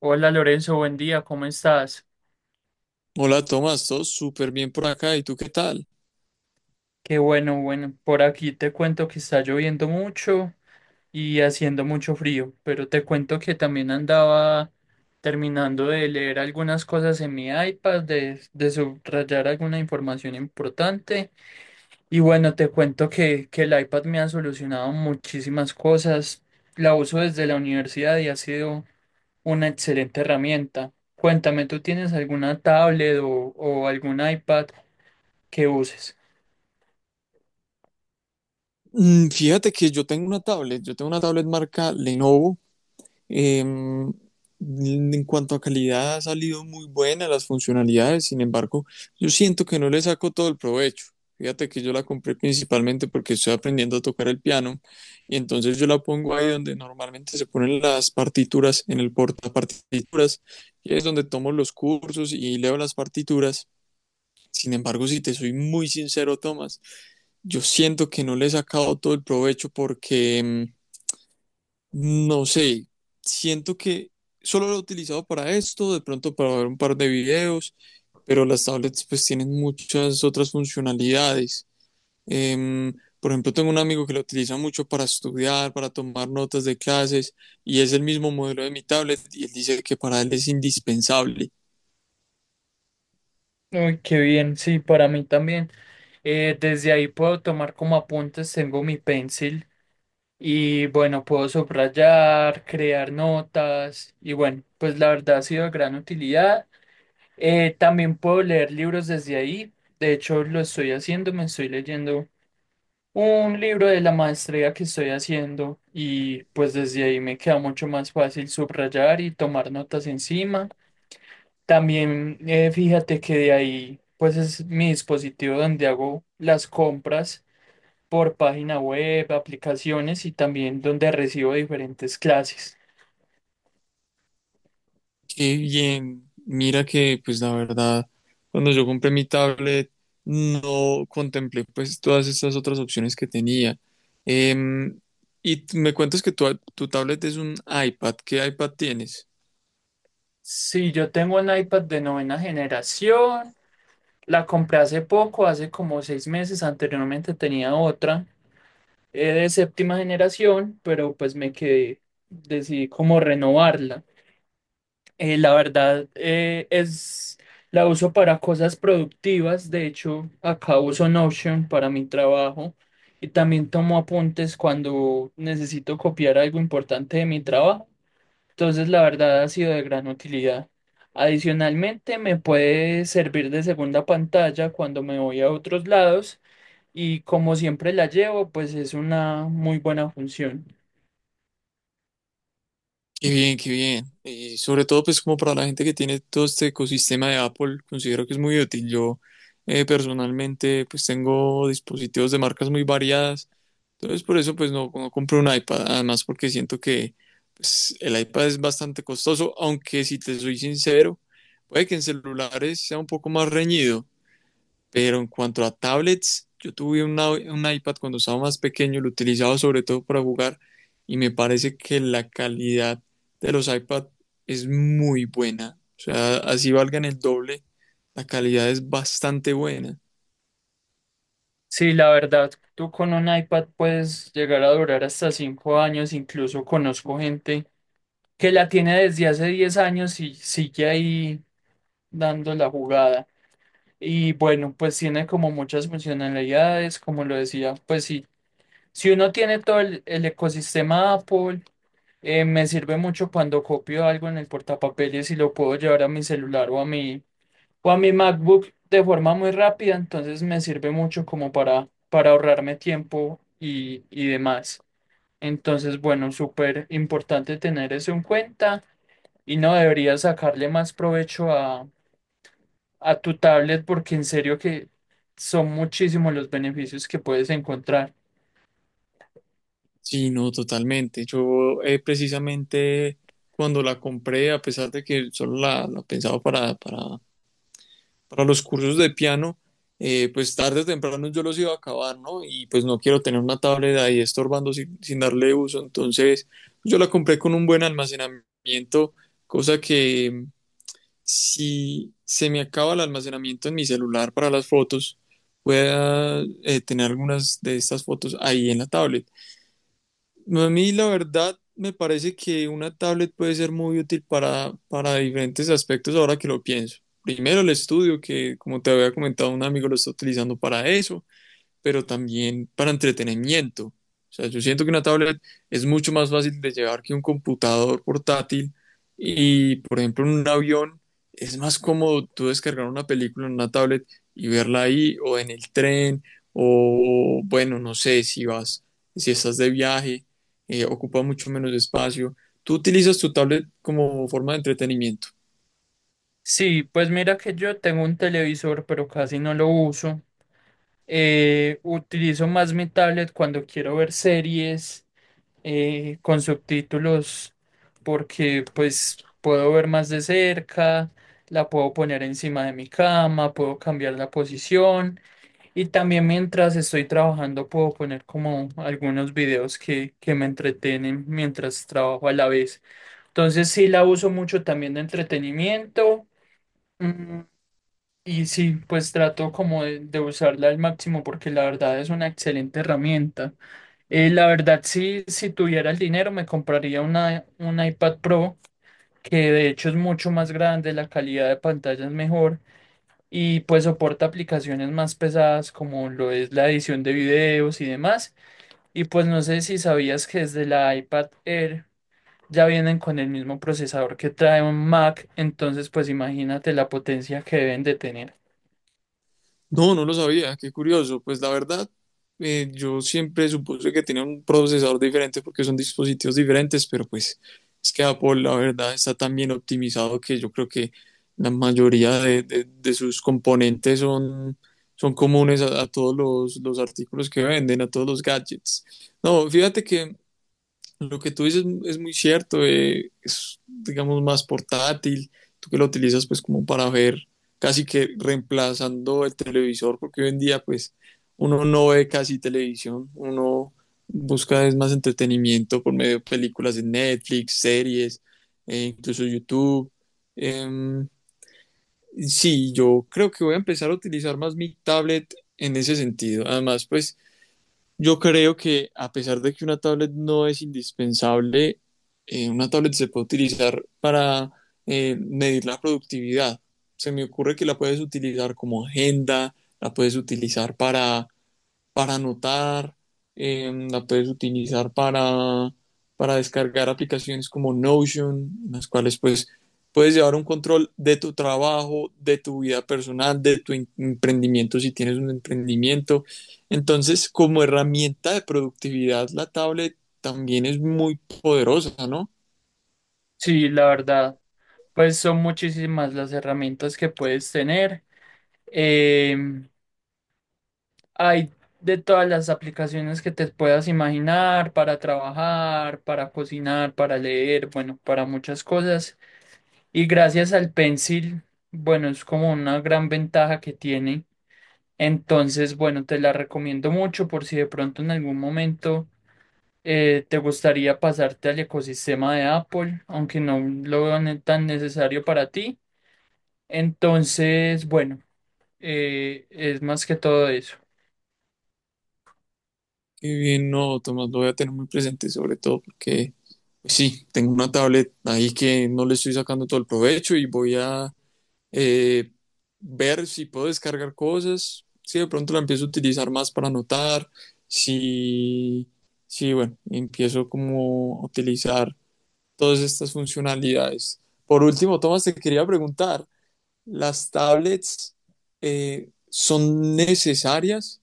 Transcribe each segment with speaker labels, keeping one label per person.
Speaker 1: Hola Lorenzo, buen día, ¿cómo estás?
Speaker 2: Hola Tomás, todo súper bien por acá. ¿Y tú qué tal?
Speaker 1: Qué bueno, bueno, por aquí te cuento que está lloviendo mucho y haciendo mucho frío, pero te cuento que también andaba terminando de leer algunas cosas en mi iPad, de subrayar alguna información importante y bueno, te cuento que el iPad me ha solucionado muchísimas cosas, la uso desde la universidad y ha sido una excelente herramienta. Cuéntame, ¿tú tienes alguna tablet o algún iPad que uses?
Speaker 2: Fíjate que yo tengo una tablet, marca Lenovo. Em, en cuanto a calidad ha salido muy buena las funcionalidades, sin embargo, yo siento que no le saco todo el provecho. Fíjate que yo la compré principalmente porque estoy aprendiendo a tocar el piano y entonces yo la pongo ahí donde normalmente se ponen las partituras, en el portapartituras, y es donde tomo los cursos y leo las partituras. Sin embargo, si te soy muy sincero, Tomás, yo siento que no le he sacado todo el provecho porque, no sé, siento que solo lo he utilizado para esto, de pronto para ver un par de videos, pero las tablets pues tienen muchas otras funcionalidades. Em, por ejemplo, tengo un amigo que lo utiliza mucho para estudiar, para tomar notas de clases, y es el mismo modelo de mi tablet, y él dice que para él es indispensable.
Speaker 1: Uy, qué bien, sí, para mí también. Desde ahí puedo tomar como apuntes, tengo mi pencil y bueno, puedo subrayar, crear notas y bueno, pues la verdad ha sido de gran utilidad. También puedo leer libros desde ahí, de hecho lo estoy haciendo, me estoy leyendo un libro de la maestría que estoy haciendo y pues desde ahí me queda mucho más fácil subrayar y tomar notas encima. También fíjate que de ahí, pues es mi dispositivo donde hago las compras por página web, aplicaciones y también donde recibo diferentes clases.
Speaker 2: Qué bien. Mira que, pues la verdad, cuando yo compré mi tablet, no contemplé pues todas estas otras opciones que tenía. Em, y me cuentas que tu tablet es un iPad. ¿Qué iPad tienes?
Speaker 1: Sí, yo tengo un iPad de novena generación, la compré hace poco, hace como 6 meses, anteriormente tenía otra de séptima generación, pero pues me quedé, decidí como renovarla. La verdad, es la uso para cosas productivas. De hecho, acá uso Notion para mi trabajo y también tomo apuntes cuando necesito copiar algo importante de mi trabajo. Entonces, la verdad ha sido de gran utilidad. Adicionalmente, me puede servir de segunda pantalla cuando me voy a otros lados y como siempre la llevo, pues es una muy buena función.
Speaker 2: Qué bien, qué bien. Y sobre todo, pues como para la gente que tiene todo este ecosistema de Apple, considero que es muy útil. Yo personalmente, pues tengo dispositivos de marcas muy variadas. Entonces, por eso, pues no, no compré un iPad. Además, porque siento que pues, el iPad es bastante costoso, aunque si te soy sincero, puede que en celulares sea un poco más reñido. Pero en cuanto a tablets, yo tuve un iPad cuando estaba más pequeño, lo utilizaba sobre todo para jugar y me parece que la calidad de los iPad es muy buena. O sea, así valgan el doble, la calidad es bastante buena.
Speaker 1: Sí, la verdad, tú con un iPad puedes llegar a durar hasta 5 años, incluso conozco gente que la tiene desde hace 10 años y sigue ahí dando la jugada. Y bueno, pues tiene como muchas funcionalidades, como lo decía, pues sí, si uno tiene todo el ecosistema Apple, me sirve mucho cuando copio algo en el portapapeles y lo puedo llevar a mi celular o a mi MacBook de forma muy rápida, entonces me sirve mucho como para ahorrarme tiempo y demás. Entonces, bueno, súper importante tener eso en cuenta y no debería sacarle más provecho a tu tablet porque en serio que son muchísimos los beneficios que puedes encontrar.
Speaker 2: Sí, no, totalmente. Yo precisamente cuando la compré, a pesar de que solo la pensaba para para los cursos de piano, pues tarde o temprano yo los iba a acabar, ¿no? Y pues no quiero tener una tablet ahí estorbando sin darle uso. Entonces yo la compré con un buen almacenamiento, cosa que, si se me acaba el almacenamiento en mi celular para las fotos, pueda tener algunas de estas fotos ahí en la tablet. No, a mí la verdad me parece que una tablet puede ser muy útil para diferentes aspectos ahora que lo pienso. Primero el estudio, que como te había comentado un amigo lo está utilizando para eso, pero también para entretenimiento. O sea, yo siento que una tablet es mucho más fácil de llevar que un computador portátil y, por ejemplo, en un avión es más cómodo tú descargar una película en una tablet y verla ahí o en el tren o, bueno, no sé, si vas, si estás de viaje, ocupa mucho menos espacio. Tú utilizas tu tablet como forma de entretenimiento.
Speaker 1: Sí, pues mira que yo tengo un televisor, pero casi no lo uso. Utilizo más mi tablet cuando quiero ver series con subtítulos porque pues puedo ver más de cerca, la puedo poner encima de mi cama, puedo cambiar la posición y también mientras estoy trabajando puedo poner como algunos videos que me entretienen mientras trabajo a la vez. Entonces sí la uso mucho también de entretenimiento. Mm, y sí, pues trato como de usarla al máximo porque la verdad es una excelente herramienta. La verdad, sí, si tuviera el dinero, me compraría un iPad Pro, que de hecho es mucho más grande, la calidad de pantalla es mejor y pues soporta aplicaciones más pesadas como lo es la edición de videos y demás. Y pues no sé si sabías que desde la iPad Air ya vienen con el mismo procesador que trae un Mac, entonces pues imagínate la potencia que deben de tener.
Speaker 2: No, no lo sabía, qué curioso. Pues la verdad, yo siempre supuse que tenía un procesador diferente porque son dispositivos diferentes, pero pues es que Apple, la verdad, está tan bien optimizado que yo creo que la mayoría de sus componentes son comunes a todos los artículos que venden, a todos los gadgets. No, fíjate que lo que tú dices es muy cierto, es digamos más portátil, tú que lo utilizas pues como para ver casi que reemplazando el televisor, porque hoy en día pues uno no ve casi televisión, uno busca es más entretenimiento por medio de películas de Netflix, series, incluso YouTube. Em, sí, yo creo que voy a empezar a utilizar más mi tablet en ese sentido. Además, pues yo creo que a pesar de que una tablet no es indispensable, una tablet se puede utilizar para medir la productividad. Se me ocurre que la puedes utilizar como agenda, la puedes utilizar para anotar, la puedes utilizar para descargar aplicaciones como Notion, en las cuales pues puedes llevar un control de tu trabajo, de tu vida personal, de tu emprendimiento si tienes un emprendimiento. Entonces, como herramienta de productividad, la tablet también es muy poderosa, ¿no?
Speaker 1: Sí, la verdad, pues son muchísimas las herramientas que puedes tener. Em, Hay de todas las aplicaciones que te puedas imaginar para trabajar, para cocinar, para leer, bueno, para muchas cosas. Y gracias al Pencil, bueno, es como una gran ventaja que tiene. Entonces, bueno, te la recomiendo mucho por si de pronto en algún momento te gustaría pasarte al ecosistema de Apple, aunque no lo veo tan necesario para ti. Entonces, bueno, es más que todo eso.
Speaker 2: Qué bien, no, Tomás, lo voy a tener muy presente, sobre todo porque pues sí, tengo una tablet ahí que no le estoy sacando todo el provecho y voy a eh, ver si puedo descargar cosas, si de pronto la empiezo a utilizar más para anotar, si, si bueno, empiezo como a utilizar todas estas funcionalidades. Por último, Tomás, te quería preguntar, las tablets son necesarias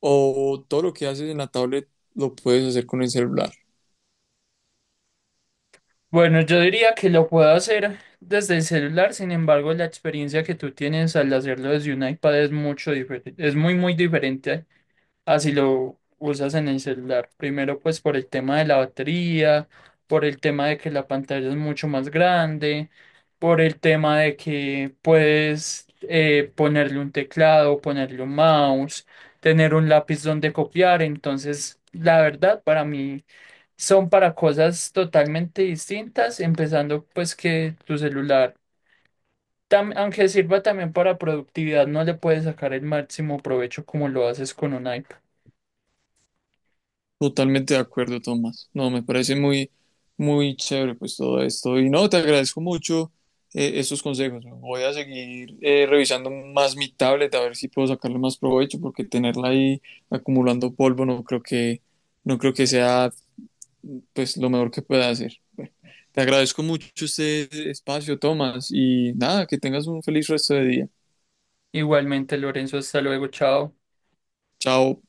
Speaker 2: o todo lo que haces en la tablet lo puedes hacer con el celular.
Speaker 1: Bueno, yo diría que lo puedo hacer desde el celular, sin embargo, la experiencia que tú tienes al hacerlo desde un iPad es mucho diferente, es muy, muy diferente así lo usas en el celular. Primero, pues por el tema de la batería, por el tema de que la pantalla es mucho más grande, por el tema de que puedes ponerle un teclado, ponerle un mouse, tener un lápiz donde copiar. Entonces, la verdad, para mí son para cosas totalmente distintas, empezando pues que tu celular aunque sirva también para productividad, no le puedes sacar el máximo provecho como lo haces con un iPad.
Speaker 2: Totalmente de acuerdo, Tomás. No, me parece muy, muy chévere pues todo esto. Y no, te agradezco mucho estos consejos. Voy a seguir revisando más mi tablet a ver si puedo sacarle más provecho porque tenerla ahí acumulando polvo no creo no creo que sea pues lo mejor que pueda hacer. Te agradezco mucho este espacio, Tomás, y nada, que tengas un feliz resto de día.
Speaker 1: Igualmente, Lorenzo, hasta luego, chao.
Speaker 2: Chao.